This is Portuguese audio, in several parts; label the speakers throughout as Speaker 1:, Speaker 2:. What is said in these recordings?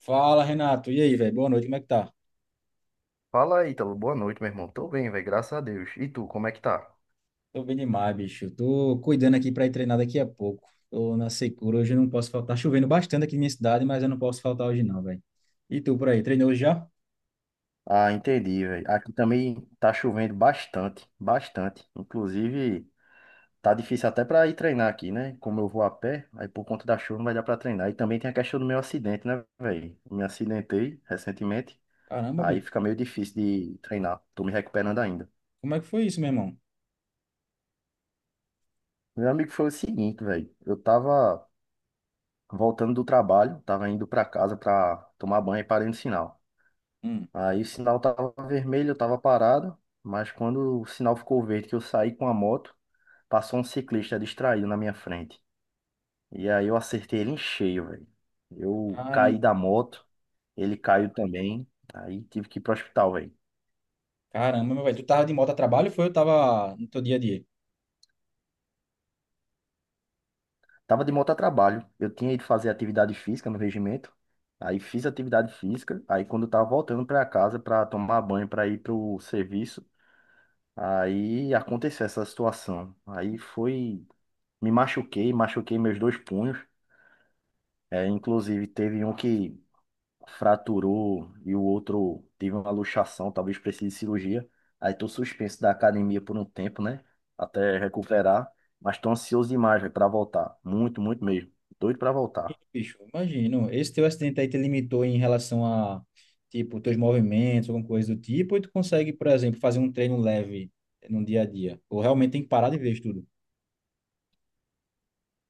Speaker 1: Fala, Renato. E aí, velho? Boa noite, como é que tá?
Speaker 2: Fala aí, Ítalo. Boa noite, meu irmão. Tô bem, velho. Graças a Deus. E tu, como é que tá?
Speaker 1: Tô bem demais, bicho. Tô cuidando aqui pra ir treinar daqui a pouco. Tô na secura, hoje eu não posso faltar. Tá chovendo bastante aqui na minha cidade, mas eu não posso faltar hoje não, velho. E tu por aí, treinou hoje já?
Speaker 2: Ah, entendi, velho. Aqui também tá chovendo bastante, bastante. Inclusive, tá difícil até pra ir treinar aqui, né? Como eu vou a pé, aí por conta da chuva não vai dar pra treinar. E também tem a questão do meu acidente, né, velho? Me acidentei recentemente,
Speaker 1: Caramba,
Speaker 2: aí
Speaker 1: bicho.
Speaker 2: fica meio difícil de treinar. Tô me recuperando ainda.
Speaker 1: Como é que foi isso, meu irmão?
Speaker 2: Meu amigo, foi o seguinte, velho. Eu tava voltando do trabalho, tava indo pra casa pra tomar banho e parei no sinal.
Speaker 1: Hum.
Speaker 2: Aí o sinal tava vermelho, eu tava parado, mas quando o sinal ficou verde, que eu saí com a moto, passou um ciclista distraído na minha frente. E aí eu acertei ele em cheio, velho. Eu caí
Speaker 1: Caramba,
Speaker 2: da moto, ele caiu também, aí tive que ir pro hospital, velho.
Speaker 1: meu velho. Tu tava de moto a trabalho ou foi? Eu tava no teu dia a dia?
Speaker 2: Tava de moto a trabalho, eu tinha ido fazer atividade física no regimento, aí fiz atividade física, aí quando eu tava voltando pra casa pra tomar banho, pra ir pro serviço, aí aconteceu essa situação. Aí foi. Me machuquei, machuquei meus dois punhos. É, inclusive, teve um que fraturou e o outro teve uma luxação, talvez precise de cirurgia. Aí tô suspenso da academia por um tempo, né? Até recuperar. Mas tô ansioso demais para voltar. Muito, muito mesmo. Doido para voltar.
Speaker 1: Bicho, imagino. Esse teu acidente aí te limitou em relação a, tipo, teus movimentos, alguma coisa do tipo, ou tu consegue, por exemplo, fazer um treino leve no dia a dia? Ou realmente tem que parar de vez tudo?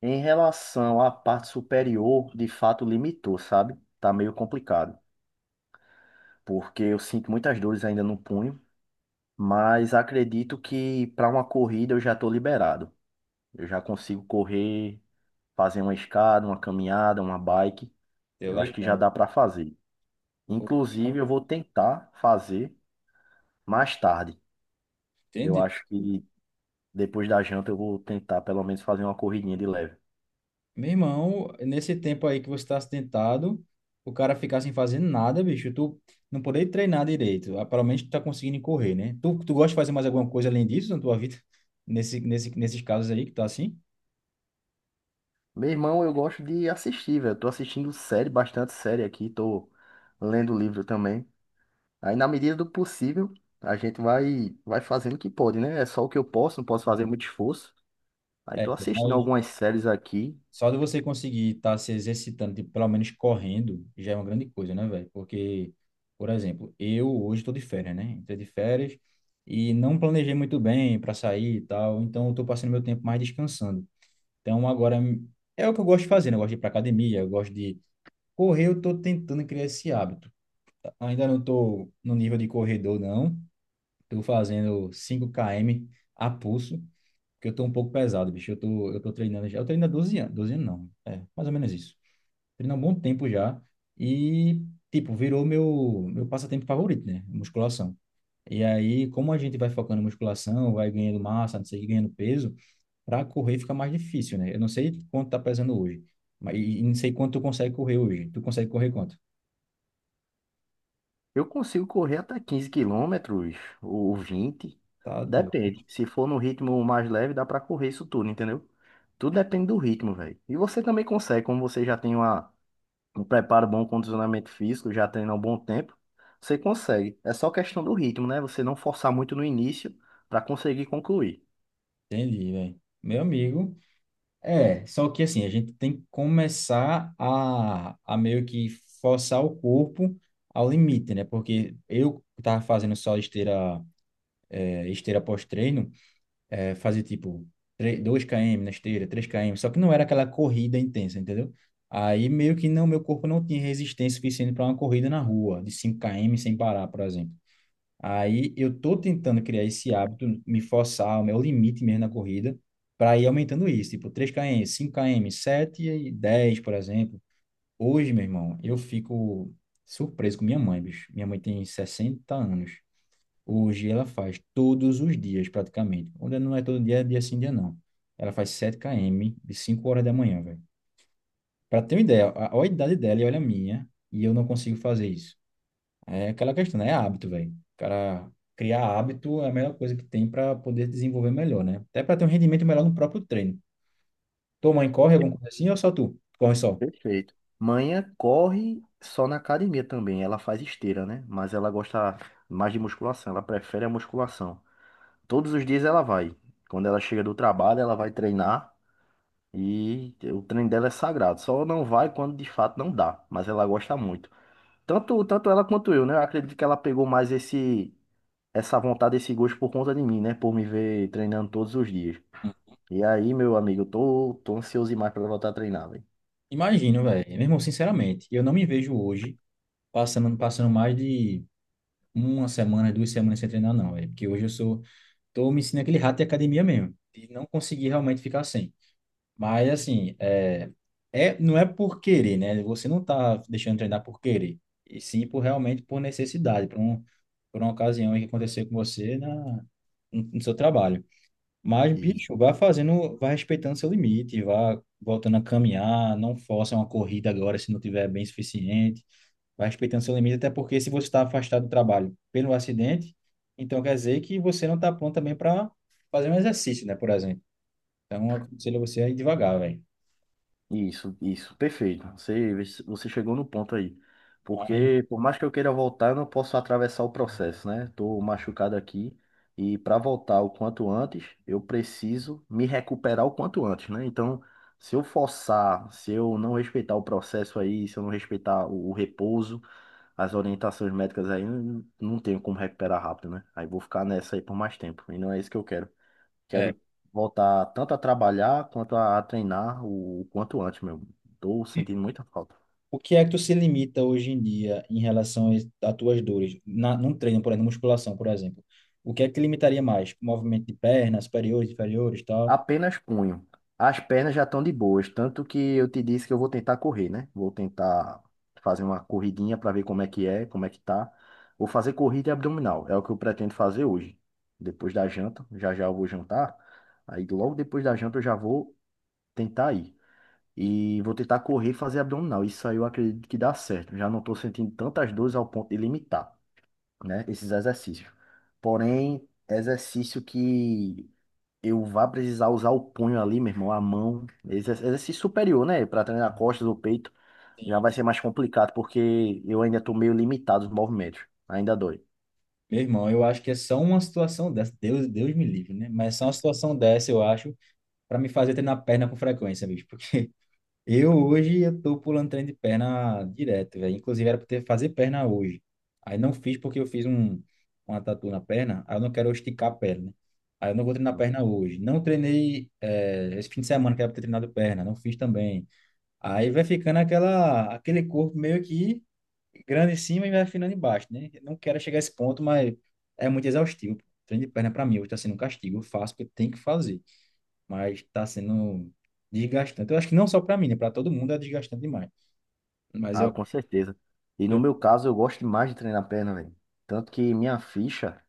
Speaker 2: Em relação à parte superior, de fato limitou, sabe? Tá meio complicado, porque eu sinto muitas dores ainda no punho, mas acredito que para uma corrida eu já tô liberado. Eu já consigo correr, fazer uma escada, uma caminhada, uma bike.
Speaker 1: Deu
Speaker 2: Eu acho que já
Speaker 1: ligado.
Speaker 2: dá para fazer.
Speaker 1: O
Speaker 2: Inclusive,
Speaker 1: cara-
Speaker 2: eu vou tentar fazer mais tarde. Eu
Speaker 1: Entende?
Speaker 2: acho que depois da janta eu vou tentar pelo menos fazer uma corridinha de leve.
Speaker 1: Meu irmão, nesse tempo aí que você tá acidentado, o cara ficar sem fazer nada, bicho, tu não poder treinar direito. Ah, pelo menos tu tá conseguindo correr, né? Tu gosta de fazer mais alguma coisa além disso na tua vida? Nesses casos aí que tá assim?
Speaker 2: Meu irmão, eu gosto de assistir, velho. Tô assistindo série, bastante série aqui, tô lendo livro também. Aí na medida do possível, a gente vai fazendo o que pode, né? É só o que eu posso, não posso fazer muito esforço. Aí
Speaker 1: É,
Speaker 2: tô assistindo
Speaker 1: mas
Speaker 2: algumas séries aqui.
Speaker 1: só de você conseguir estar se exercitando, tipo, pelo menos correndo, já é uma grande coisa, né, velho? Porque, por exemplo, eu hoje estou de férias, né? Entrei de férias e não planejei muito bem para sair e tal, então eu estou passando meu tempo mais descansando. Então, agora é o que eu gosto de fazer, né? Eu gosto de ir para academia, eu gosto de correr, eu tô tentando criar esse hábito. Ainda não tô no nível de corredor, não. Tô fazendo cinco km a pulso, porque eu tô um pouco pesado, bicho. Eu tô treinando já. Eu treino há 12 anos, 12 anos não, é, mais ou menos isso. Treino há um bom tempo já e, tipo, virou meu passatempo favorito, né? Musculação. E aí, como a gente vai focando em musculação, vai ganhando massa, não sei, o quê, ganhando peso, para correr fica mais difícil, né? Eu não sei quanto tá pesando hoje, mas e não sei quanto tu consegue correr hoje. Tu consegue correr quanto?
Speaker 2: Eu consigo correr até 15 quilômetros ou 20.
Speaker 1: Tá doido.
Speaker 2: Depende. Se for no ritmo mais leve, dá pra correr isso tudo, entendeu? Tudo depende do ritmo, velho. E você também consegue, como você já tem uma, um preparo bom, um condicionamento físico, já treina há um bom tempo, você consegue. É só questão do ritmo, né? Você não forçar muito no início pra conseguir concluir.
Speaker 1: Entendi, velho. Meu amigo. É, só que assim, a gente tem que começar a meio que forçar o corpo ao limite, né? Porque eu tava fazendo só esteira, esteira pós-treino. É, fazia tipo dois 2 km na esteira, três km, só que não era aquela corrida intensa, entendeu? Aí meio que não, meu corpo não tinha resistência suficiente para uma corrida na rua, de cinco km sem parar, por exemplo. Aí eu tô tentando criar esse hábito, me forçar, o meu limite mesmo na corrida, para ir aumentando isso, tipo três km, cinco km, 7 e 10, por exemplo. Hoje, meu irmão, eu fico surpreso com minha mãe, bicho. Minha mãe tem 60 anos. Hoje ela faz todos os dias, praticamente. Onde não é todo dia, é dia sim, dia não. Ela faz sete km de 5 horas da manhã, velho. Pra ter uma ideia, olha a idade dela e olha a minha, e eu não consigo fazer isso. É aquela questão, né? É hábito, velho. O cara criar hábito é a melhor coisa que tem para poder desenvolver melhor, né? Até para ter um rendimento melhor no próprio treino. Tua mãe corre alguma coisa assim ou só tu? Corre só.
Speaker 2: Perfeito. Manhã corre só na academia também. Ela faz esteira, né? Mas ela gosta mais de musculação. Ela prefere a musculação. Todos os dias ela vai. Quando ela chega do trabalho, ela vai treinar e o treino dela é sagrado. Só não vai quando de fato não dá, mas ela gosta muito. Tanto, tanto ela quanto eu, né? Eu acredito que ela pegou mais esse essa vontade, esse gosto por conta de mim, né? Por me ver treinando todos os dias.
Speaker 1: Hum.
Speaker 2: E aí, meu amigo, eu tô ansioso demais pra ela voltar a treinar,
Speaker 1: Imagino, velho. Meu irmão, sinceramente, eu não me vejo hoje passando mais de uma semana, duas semanas sem treinar, não, velho. Porque hoje eu sou. Tô me ensinando aquele rato de academia mesmo, de não conseguir realmente ficar sem. Mas, assim, não é por querer, né? Você não tá deixando treinar por querer, e sim por realmente por necessidade, por uma ocasião aí que aconteceu com você no seu trabalho. Mas,
Speaker 2: velho.
Speaker 1: bicho, vá fazendo, vá respeitando seu limite, vá voltando a caminhar, não força uma corrida agora se não tiver bem suficiente. Vai respeitando seu limite, até porque se você está afastado do trabalho pelo acidente, então quer dizer que você não está pronto também para fazer um exercício, né, por exemplo. Então, eu aconselho você a ir devagar, velho.
Speaker 2: Isso, perfeito. Você chegou no ponto aí.
Speaker 1: Mas,
Speaker 2: Porque, por mais que eu queira voltar, eu não posso atravessar o processo, né? Tô machucado aqui. E para voltar o quanto antes, eu preciso me recuperar o quanto antes, né? Então, se eu forçar, se eu não respeitar o processo aí, se eu não respeitar o repouso, as orientações médicas aí, não tenho como recuperar rápido, né? Aí vou ficar nessa aí por mais tempo. E não é isso que eu quero.
Speaker 1: é,
Speaker 2: Quero voltar tanto a trabalhar quanto a treinar o quanto antes, meu. Tô sentindo muita falta.
Speaker 1: o que é que tu se limita hoje em dia em relação às tuas dores? Num treino, por exemplo, na musculação, por exemplo. O que é que te limitaria mais? Movimento de pernas, superiores, inferiores, tal?
Speaker 2: Apenas punho. As pernas já estão de boas, tanto que eu te disse que eu vou tentar correr, né? Vou tentar fazer uma corridinha para ver como é que é, como é que tá. Vou fazer corrida e abdominal, é o que eu pretendo fazer hoje. Depois da janta, já já eu vou jantar. Aí logo depois da janta eu já vou tentar ir. E vou tentar correr e fazer abdominal. Isso aí eu acredito que dá certo. Já não tô sentindo tantas dores ao ponto de limitar, né? Esses exercícios. Porém, exercício que eu vá precisar usar o punho ali, meu irmão, a mão, esse exercício superior, né? Para treinar costas ou peito, já vai ser mais complicado, porque eu ainda tô meio limitado os movimentos. Ainda dói.
Speaker 1: Meu irmão, eu acho que é só uma situação dessa. Deus me livre, né? Mas é só uma situação dessa, eu acho, para me fazer treinar perna com frequência, bicho. Porque eu hoje eu tô pulando treino de perna direto, velho. Inclusive era pra ter fazer perna hoje. Aí não fiz porque uma tatu na perna, aí eu não quero esticar a perna, né? Aí eu não vou treinar perna hoje. Não treinei esse fim de semana que era pra ter treinado perna, não fiz também. Aí vai ficando aquele corpo meio que grande em cima e vai afinando embaixo, né? Eu não quero chegar a esse ponto, mas é muito exaustivo. Treino de perna pra mim hoje tá sendo um castigo. Eu faço porque tem que fazer, mas está sendo desgastante. Eu acho que não só para mim, né? Para todo mundo é desgastante demais. Mas
Speaker 2: Ah,
Speaker 1: eu,
Speaker 2: com certeza. E no
Speaker 1: eu,
Speaker 2: meu caso, eu gosto demais de treinar perna, velho. Tanto que minha ficha,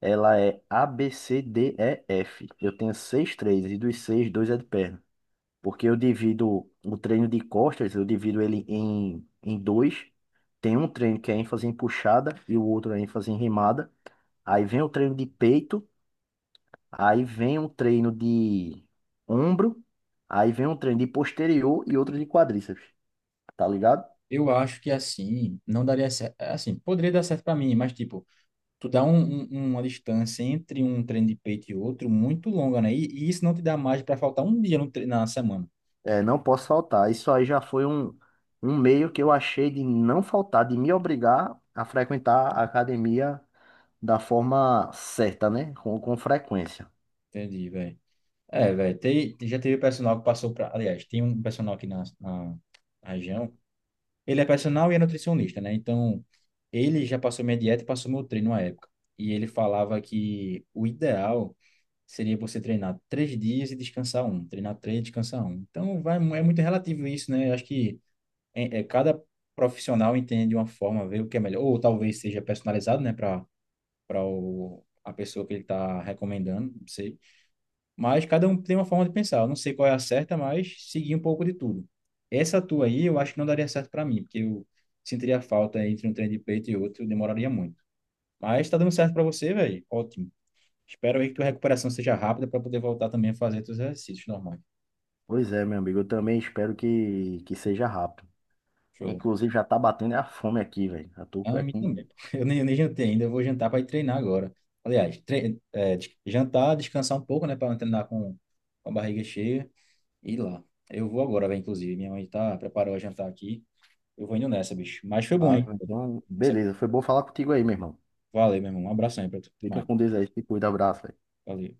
Speaker 2: ela é A, B, C, D, E, F. Eu tenho seis, três, e dos seis, dois é de perna. Porque eu divido o treino de costas, eu divido ele em dois. Tem um treino que é ênfase em puxada e o outro é ênfase em remada. Aí vem o treino de peito, aí vem um treino de ombro, aí vem um treino de posterior e outro de quadríceps, tá ligado?
Speaker 1: eu acho que assim, não daria certo. Assim, poderia dar certo para mim, mas tipo, tu dá um, um- uma distância entre um treino de peito e outro muito longa, né? E isso não te dá mais para faltar um dia no tre- na semana.
Speaker 2: É, não posso faltar. Isso aí já foi um meio que eu achei de não faltar, de me obrigar a frequentar a academia da forma certa, né? Com frequência.
Speaker 1: Entendi, velho. É, velho, já teve personal que passou para. Aliás, tem um personal aqui na região. Ele é personal e é nutricionista, né? Então, ele já passou minha dieta e passou meu treino à época. E ele falava que o ideal seria você treinar 3 dias e descansar um. Treinar 3 e descansar um. Então, vai, é muito relativo isso, né? Eu acho que cada profissional entende de uma forma, vê o que é melhor. Ou talvez seja personalizado, né? Para a pessoa que ele está recomendando, não sei. Mas cada um tem uma forma de pensar. Eu não sei qual é a certa, mas segui um pouco de tudo. Essa tua aí, eu acho que não daria certo para mim, porque eu sentiria falta entre um treino de peito e outro, eu demoraria muito. Mas tá dando certo para você, velho. Ótimo. Espero aí que tua recuperação seja rápida para poder voltar também a fazer teus exercícios normais.
Speaker 2: Pois é, meu amigo, eu também espero que seja rápido.
Speaker 1: Show.
Speaker 2: Inclusive, já tá batendo a fome aqui, velho. Já tô
Speaker 1: Ah,
Speaker 2: é
Speaker 1: me
Speaker 2: com.
Speaker 1: também. Pô. Eu nem jantei ainda, eu vou jantar para ir treinar agora. Aliás, jantar, descansar um pouco, né, para não treinar com a barriga cheia e ir lá. Eu vou agora, velho, inclusive. Minha mãe tá preparou a jantar aqui. Eu vou indo nessa, bicho. Mas foi bom,
Speaker 2: Ah,
Speaker 1: hein?
Speaker 2: então, beleza. Foi bom falar contigo aí, meu irmão.
Speaker 1: Valeu, meu irmão. Um abração aí pra tu. Até
Speaker 2: Fica
Speaker 1: mais.
Speaker 2: com Deus aí, se cuida, abraço, velho.
Speaker 1: Valeu.